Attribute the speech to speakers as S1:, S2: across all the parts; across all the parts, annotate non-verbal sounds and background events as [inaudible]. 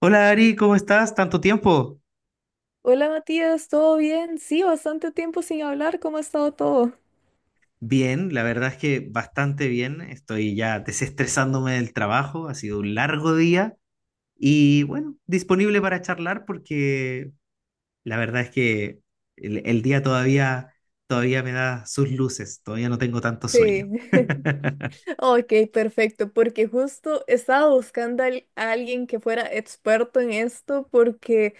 S1: Hola Ari, ¿cómo estás? ¿Tanto tiempo?
S2: Hola Matías, ¿todo bien? Sí, bastante tiempo sin hablar, ¿cómo ha estado todo?
S1: Bien, la verdad es que bastante bien. Estoy ya desestresándome del trabajo, ha sido un largo día y bueno, disponible para charlar porque la verdad es que el día todavía, todavía me da sus luces, todavía no tengo tanto
S2: Sí,
S1: sueño. [laughs]
S2: [laughs] ok, perfecto, porque justo estaba buscando a alguien que fuera experto en esto, porque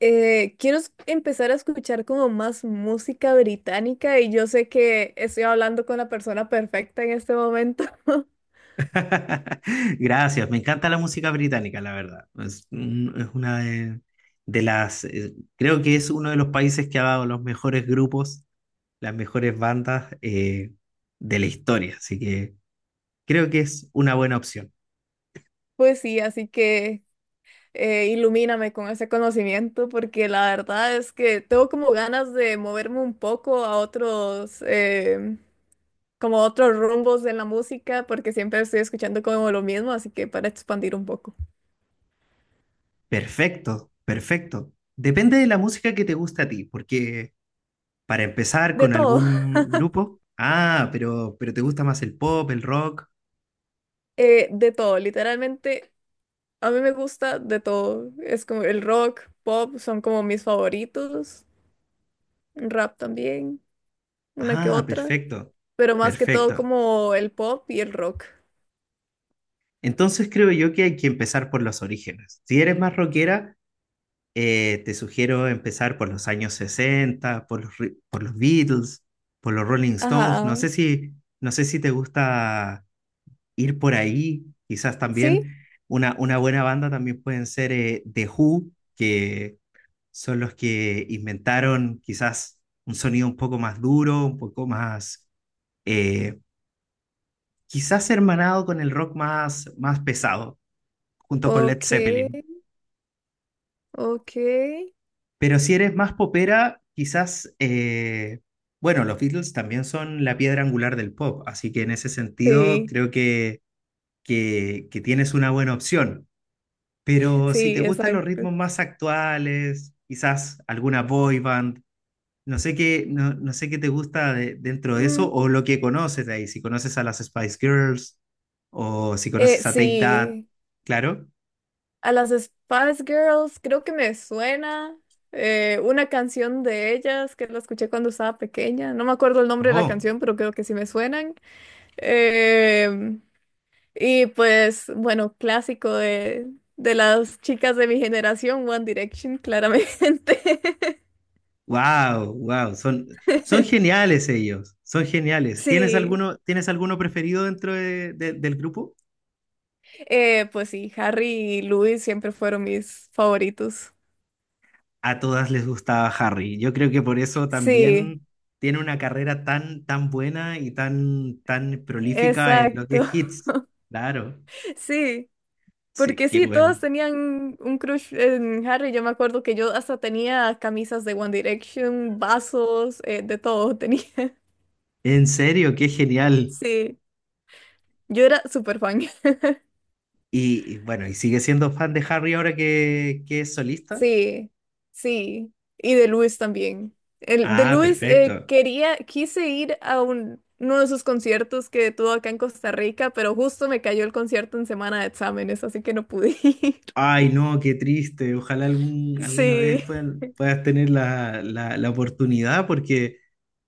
S2: quiero empezar a escuchar como más música británica y yo sé que estoy hablando con la persona perfecta en este momento. [laughs]
S1: Gracias, me encanta la música británica, la verdad. Es, es una de las, creo que es uno de los países que ha dado los mejores grupos, las mejores bandas de la historia. Así que creo que es una buena opción.
S2: Pues sí, así que ilumíname con ese conocimiento, porque la verdad es que tengo como ganas de moverme un poco a otros, como a otros rumbos de la música, porque siempre estoy escuchando como lo mismo, así que para expandir un poco.
S1: Perfecto, perfecto. Depende de la música que te gusta a ti, porque para empezar
S2: De
S1: con
S2: todo, [laughs]
S1: algún grupo, ah, pero te gusta más el pop, el rock.
S2: de todo, literalmente, a mí me gusta de todo. Es como el rock, pop, son como mis favoritos, rap también, una que
S1: Ah,
S2: otra,
S1: perfecto,
S2: pero más que todo
S1: perfecto.
S2: como el pop y el rock.
S1: Entonces creo yo que hay que empezar por los orígenes. Si eres más rockera, te sugiero empezar por los años 60, por los, por los Beatles, por los Rolling Stones. No
S2: Ajá,
S1: sé si, no sé si te gusta ir por ahí. Quizás
S2: sí,
S1: también una buena banda también pueden ser The Who, que son los que inventaron quizás un sonido un poco más duro, un poco más, eh, quizás hermanado con el rock más, más pesado, junto con Led
S2: ok.
S1: Zeppelin.
S2: Ok,
S1: Pero si eres más popera, quizás, bueno, los Beatles también son la piedra angular del pop, así que en ese sentido
S2: sí,
S1: creo que, que tienes una buena opción. Pero si te
S2: sí,
S1: gustan los
S2: exacto.
S1: ritmos más actuales, quizás alguna boy band, no sé qué, no, no sé qué te gusta dentro de eso
S2: Mm,
S1: o lo que conoces de ahí, si conoces a las Spice Girls o si conoces a Take That,
S2: sí,
S1: claro.
S2: a las Spice Girls creo que me suena una canción de ellas que la escuché cuando estaba pequeña. No me acuerdo el nombre de la
S1: Oh.
S2: canción, pero creo que sí me suenan. Em, y pues, bueno, clásico de las chicas de mi generación, One Direction, claramente. [laughs]
S1: Wow, wow, son, son geniales ellos, son geniales.
S2: Sí,
S1: Tienes alguno preferido dentro del grupo?
S2: pues sí, Harry y Louis siempre fueron mis favoritos.
S1: A todas les gustaba Harry. Yo creo que por eso
S2: Sí.
S1: también tiene una carrera tan, tan buena y tan, tan prolífica en lo que
S2: Exacto,
S1: es hits. Claro,
S2: [laughs] sí,
S1: sí,
S2: porque
S1: qué
S2: sí, todos
S1: bueno.
S2: tenían un crush en Harry. Yo me acuerdo que yo hasta tenía camisas de One Direction, vasos, de todo tenía. [laughs]
S1: En serio, qué genial.
S2: Sí, yo era súper fan. [laughs]
S1: Y bueno, ¿y sigue siendo fan de Harry ahora que es solista?
S2: Sí, sí, y de Luis también. El, de
S1: Ah,
S2: Luis
S1: perfecto.
S2: quería, quise ir a uno de sus conciertos que tuvo acá en Costa Rica, pero justo me cayó el concierto en semana de exámenes, así que no pude [laughs] ir.
S1: Ay, no, qué triste. Ojalá algún, alguna vez
S2: Sí,
S1: puedas tener la, la, la oportunidad, porque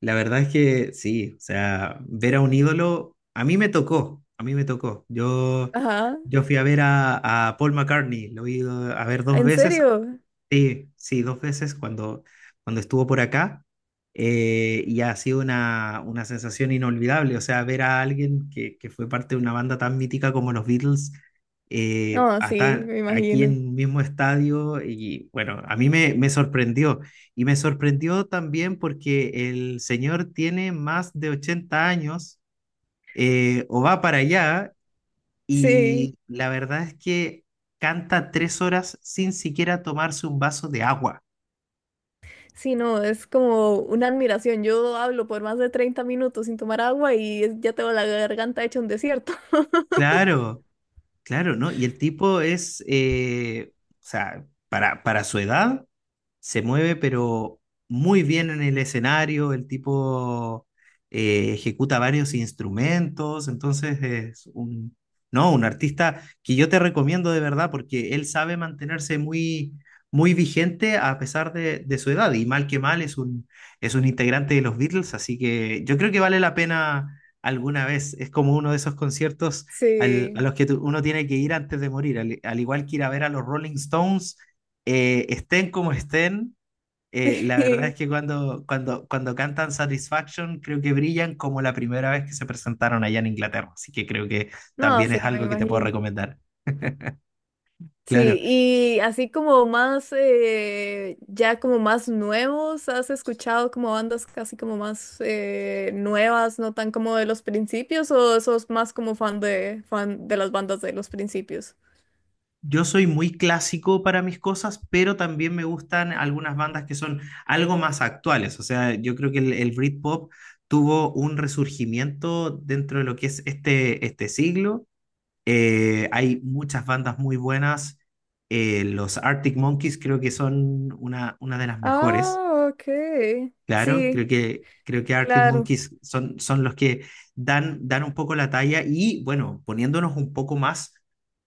S1: la verdad es que sí, o sea, ver a un ídolo, a mí me tocó, a mí me tocó. Yo,
S2: ajá,
S1: yo fui a ver a Paul McCartney, lo he ido a ver dos
S2: ¿en
S1: veces.
S2: serio?
S1: Sí, sí, dos veces cuando, cuando estuvo por acá, y ha sido una sensación inolvidable, o sea, ver a alguien que fue parte de una banda tan mítica como los Beatles,
S2: No, sí, me
S1: aquí
S2: imagino.
S1: en un mismo estadio y bueno, a mí me, me sorprendió y me sorprendió también porque el señor tiene más de 80 años, o va para allá,
S2: Sí,
S1: y la verdad es que canta tres horas sin siquiera tomarse un vaso de agua.
S2: sí, no, es como una admiración. Yo hablo por más de 30 minutos sin tomar agua y ya tengo la garganta hecha un desierto. [laughs]
S1: Claro, claro, ¿no? Y el tipo es, o sea, para su edad, se mueve, pero muy bien en el escenario, el tipo ejecuta varios instrumentos, entonces es un, no, un artista que yo te recomiendo de verdad porque él sabe mantenerse muy, muy vigente a pesar de su edad y mal que mal es un integrante de los Beatles, así que yo creo que vale la pena alguna vez, es como uno de esos conciertos, a
S2: Sí,
S1: los que uno tiene que ir antes de morir, al, al igual que ir a ver a los Rolling Stones, estén como estén, la verdad es
S2: sí.
S1: que cuando, cuando, cuando cantan Satisfaction, creo que brillan como la primera vez que se presentaron allá en Inglaterra. Así que creo que
S2: No,
S1: también
S2: sí,
S1: es
S2: me
S1: algo que te puedo
S2: imagino.
S1: recomendar.
S2: Sí,
S1: Claro,
S2: y así como más, ya como más nuevos, ¿has escuchado como bandas casi como más nuevas, no tan como de los principios, o sos más como fan fan de las bandas de los principios?
S1: yo soy muy clásico para mis cosas, pero también me gustan algunas bandas que son algo más actuales. O sea, yo creo que el Britpop tuvo un resurgimiento dentro de lo que es este, este siglo. Hay muchas bandas muy buenas. Los Arctic Monkeys creo que son una de las mejores,
S2: Ah, ok.
S1: claro.
S2: Sí,
S1: Creo que Arctic
S2: claro.
S1: Monkeys son, son los que dan, dan un poco la talla y, bueno, poniéndonos un poco más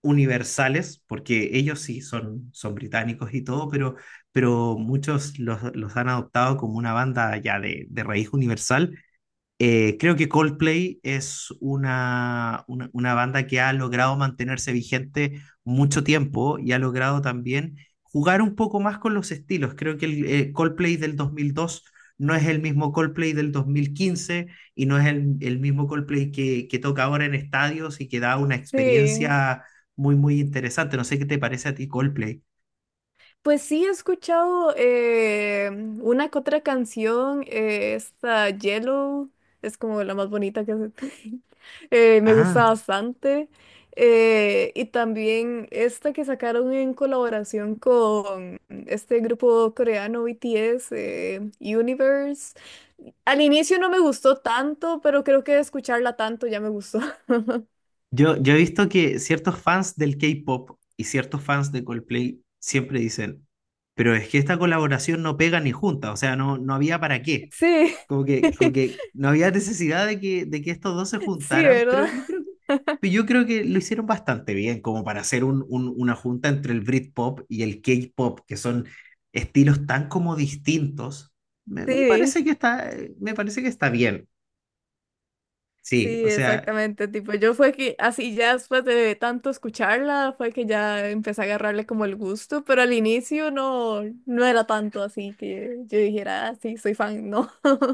S1: universales, porque ellos sí son, son británicos y todo, pero muchos los han adoptado como una banda ya de raíz universal. Creo que Coldplay es una banda que ha logrado mantenerse vigente mucho tiempo y ha logrado también jugar un poco más con los estilos. Creo que el Coldplay del 2002 no es el mismo Coldplay del 2015 y no es el mismo Coldplay que toca ahora en estadios y que da una
S2: Sí,
S1: experiencia muy, muy interesante. No sé qué te parece a ti Coldplay.
S2: pues sí, he escuchado una que otra canción, esta Yellow, es como la más bonita que [laughs] me
S1: Ah.
S2: gusta bastante. Y también esta que sacaron en colaboración con este grupo coreano BTS, Universe. Al inicio no me gustó tanto, pero creo que de escucharla tanto ya me gustó. [laughs]
S1: Yo he visto que ciertos fans del K-pop y ciertos fans de Coldplay siempre dicen, pero es que esta colaboración no pega ni junta, o sea, no, no había para qué.
S2: Sí,
S1: Como
S2: [laughs]
S1: que no había necesidad de que estos dos se
S2: sí,
S1: juntaran, pero
S2: ¿verdad?
S1: yo creo que, pero yo creo que lo hicieron bastante bien, como para hacer un, una junta entre el Britpop y el K-pop, que son estilos tan como distintos. Me
S2: Sí.
S1: parece que está, me parece que está bien. Sí,
S2: Sí,
S1: o sea,
S2: exactamente, tipo, yo fue que así ya después de tanto escucharla, fue que ya empecé a agarrarle como el gusto, pero al inicio no, no era tanto así que yo dijera, ah, sí, soy fan, no. [laughs]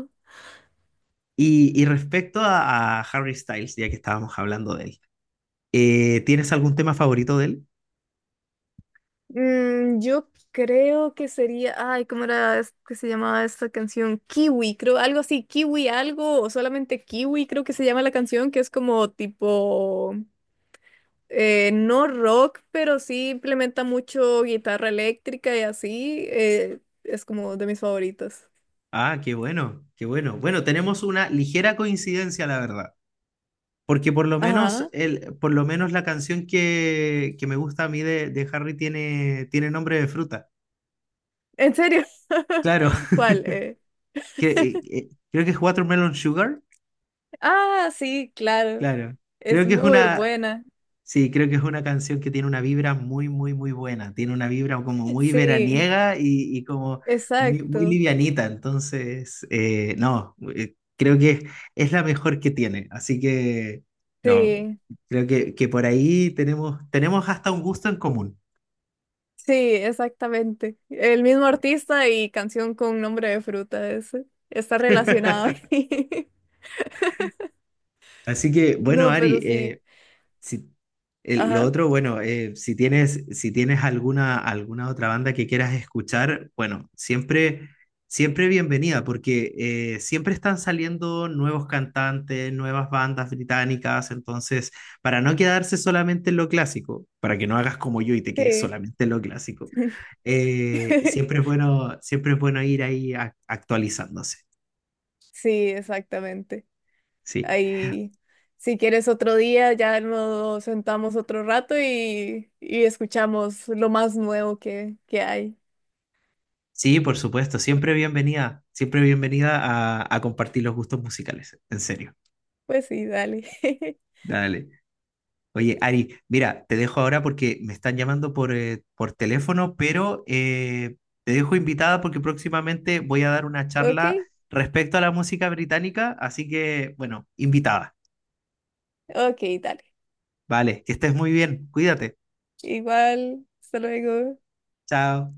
S1: y respecto a Harry Styles, ya que estábamos hablando de él, ¿tienes algún tema favorito de él?
S2: Mm, yo creo que sería, ay, ¿cómo era que se llamaba esta canción? Kiwi, creo, algo así, Kiwi algo, o solamente Kiwi creo que se llama la canción, que es como tipo... no rock, pero sí implementa mucho guitarra eléctrica y así. Eh, es como de mis favoritos.
S1: Ah, qué bueno, qué bueno. Bueno, tenemos una ligera coincidencia, la verdad. Porque por lo menos,
S2: Ajá.
S1: el, por lo menos la canción que me gusta a mí de Harry tiene, tiene nombre de fruta.
S2: ¿En serio? [laughs]
S1: Claro, [laughs]
S2: ¿Cuál? ¿Eh?
S1: que, creo que es Watermelon Sugar.
S2: Ah, sí, claro.
S1: Claro,
S2: Es
S1: creo que es
S2: muy
S1: una,
S2: buena.
S1: sí, creo que es una canción que tiene una vibra muy, muy, muy buena. Tiene una vibra como muy
S2: Sí,
S1: veraniega y como muy, muy
S2: exacto.
S1: livianita. Entonces, no, creo que es la mejor que tiene. Así que, no,
S2: Sí,
S1: creo que por ahí tenemos, tenemos hasta un gusto en común.
S2: sí, exactamente. El mismo artista y canción con nombre de fruta ese. Está relacionado
S1: [laughs]
S2: ahí. [laughs]
S1: Así que, bueno,
S2: No,
S1: Ari,
S2: pero sí.
S1: si, lo
S2: Ajá.
S1: otro, bueno, si tienes, si tienes alguna, alguna otra banda que quieras escuchar, bueno, siempre, siempre bienvenida, porque siempre están saliendo nuevos cantantes, nuevas bandas británicas, entonces, para no quedarse solamente en lo clásico, para que no hagas como yo y te quedes
S2: Sí.
S1: solamente en lo clásico,
S2: [laughs]
S1: siempre es bueno ir ahí actualizándose.
S2: Sí, exactamente.
S1: Sí.
S2: Ahí, si quieres otro día, ya nos sentamos otro rato y escuchamos lo más nuevo que hay.
S1: Sí, por supuesto, siempre bienvenida a compartir los gustos musicales, en serio.
S2: Pues sí, dale. [laughs]
S1: Dale. Oye, Ari, mira, te dejo ahora porque me están llamando por teléfono, pero te dejo invitada porque próximamente voy a dar una
S2: Ok,
S1: charla respecto a la música británica, así que, bueno, invitada.
S2: ok, dale.
S1: Vale, que estés muy bien, cuídate.
S2: Igual, hasta luego.
S1: Chao.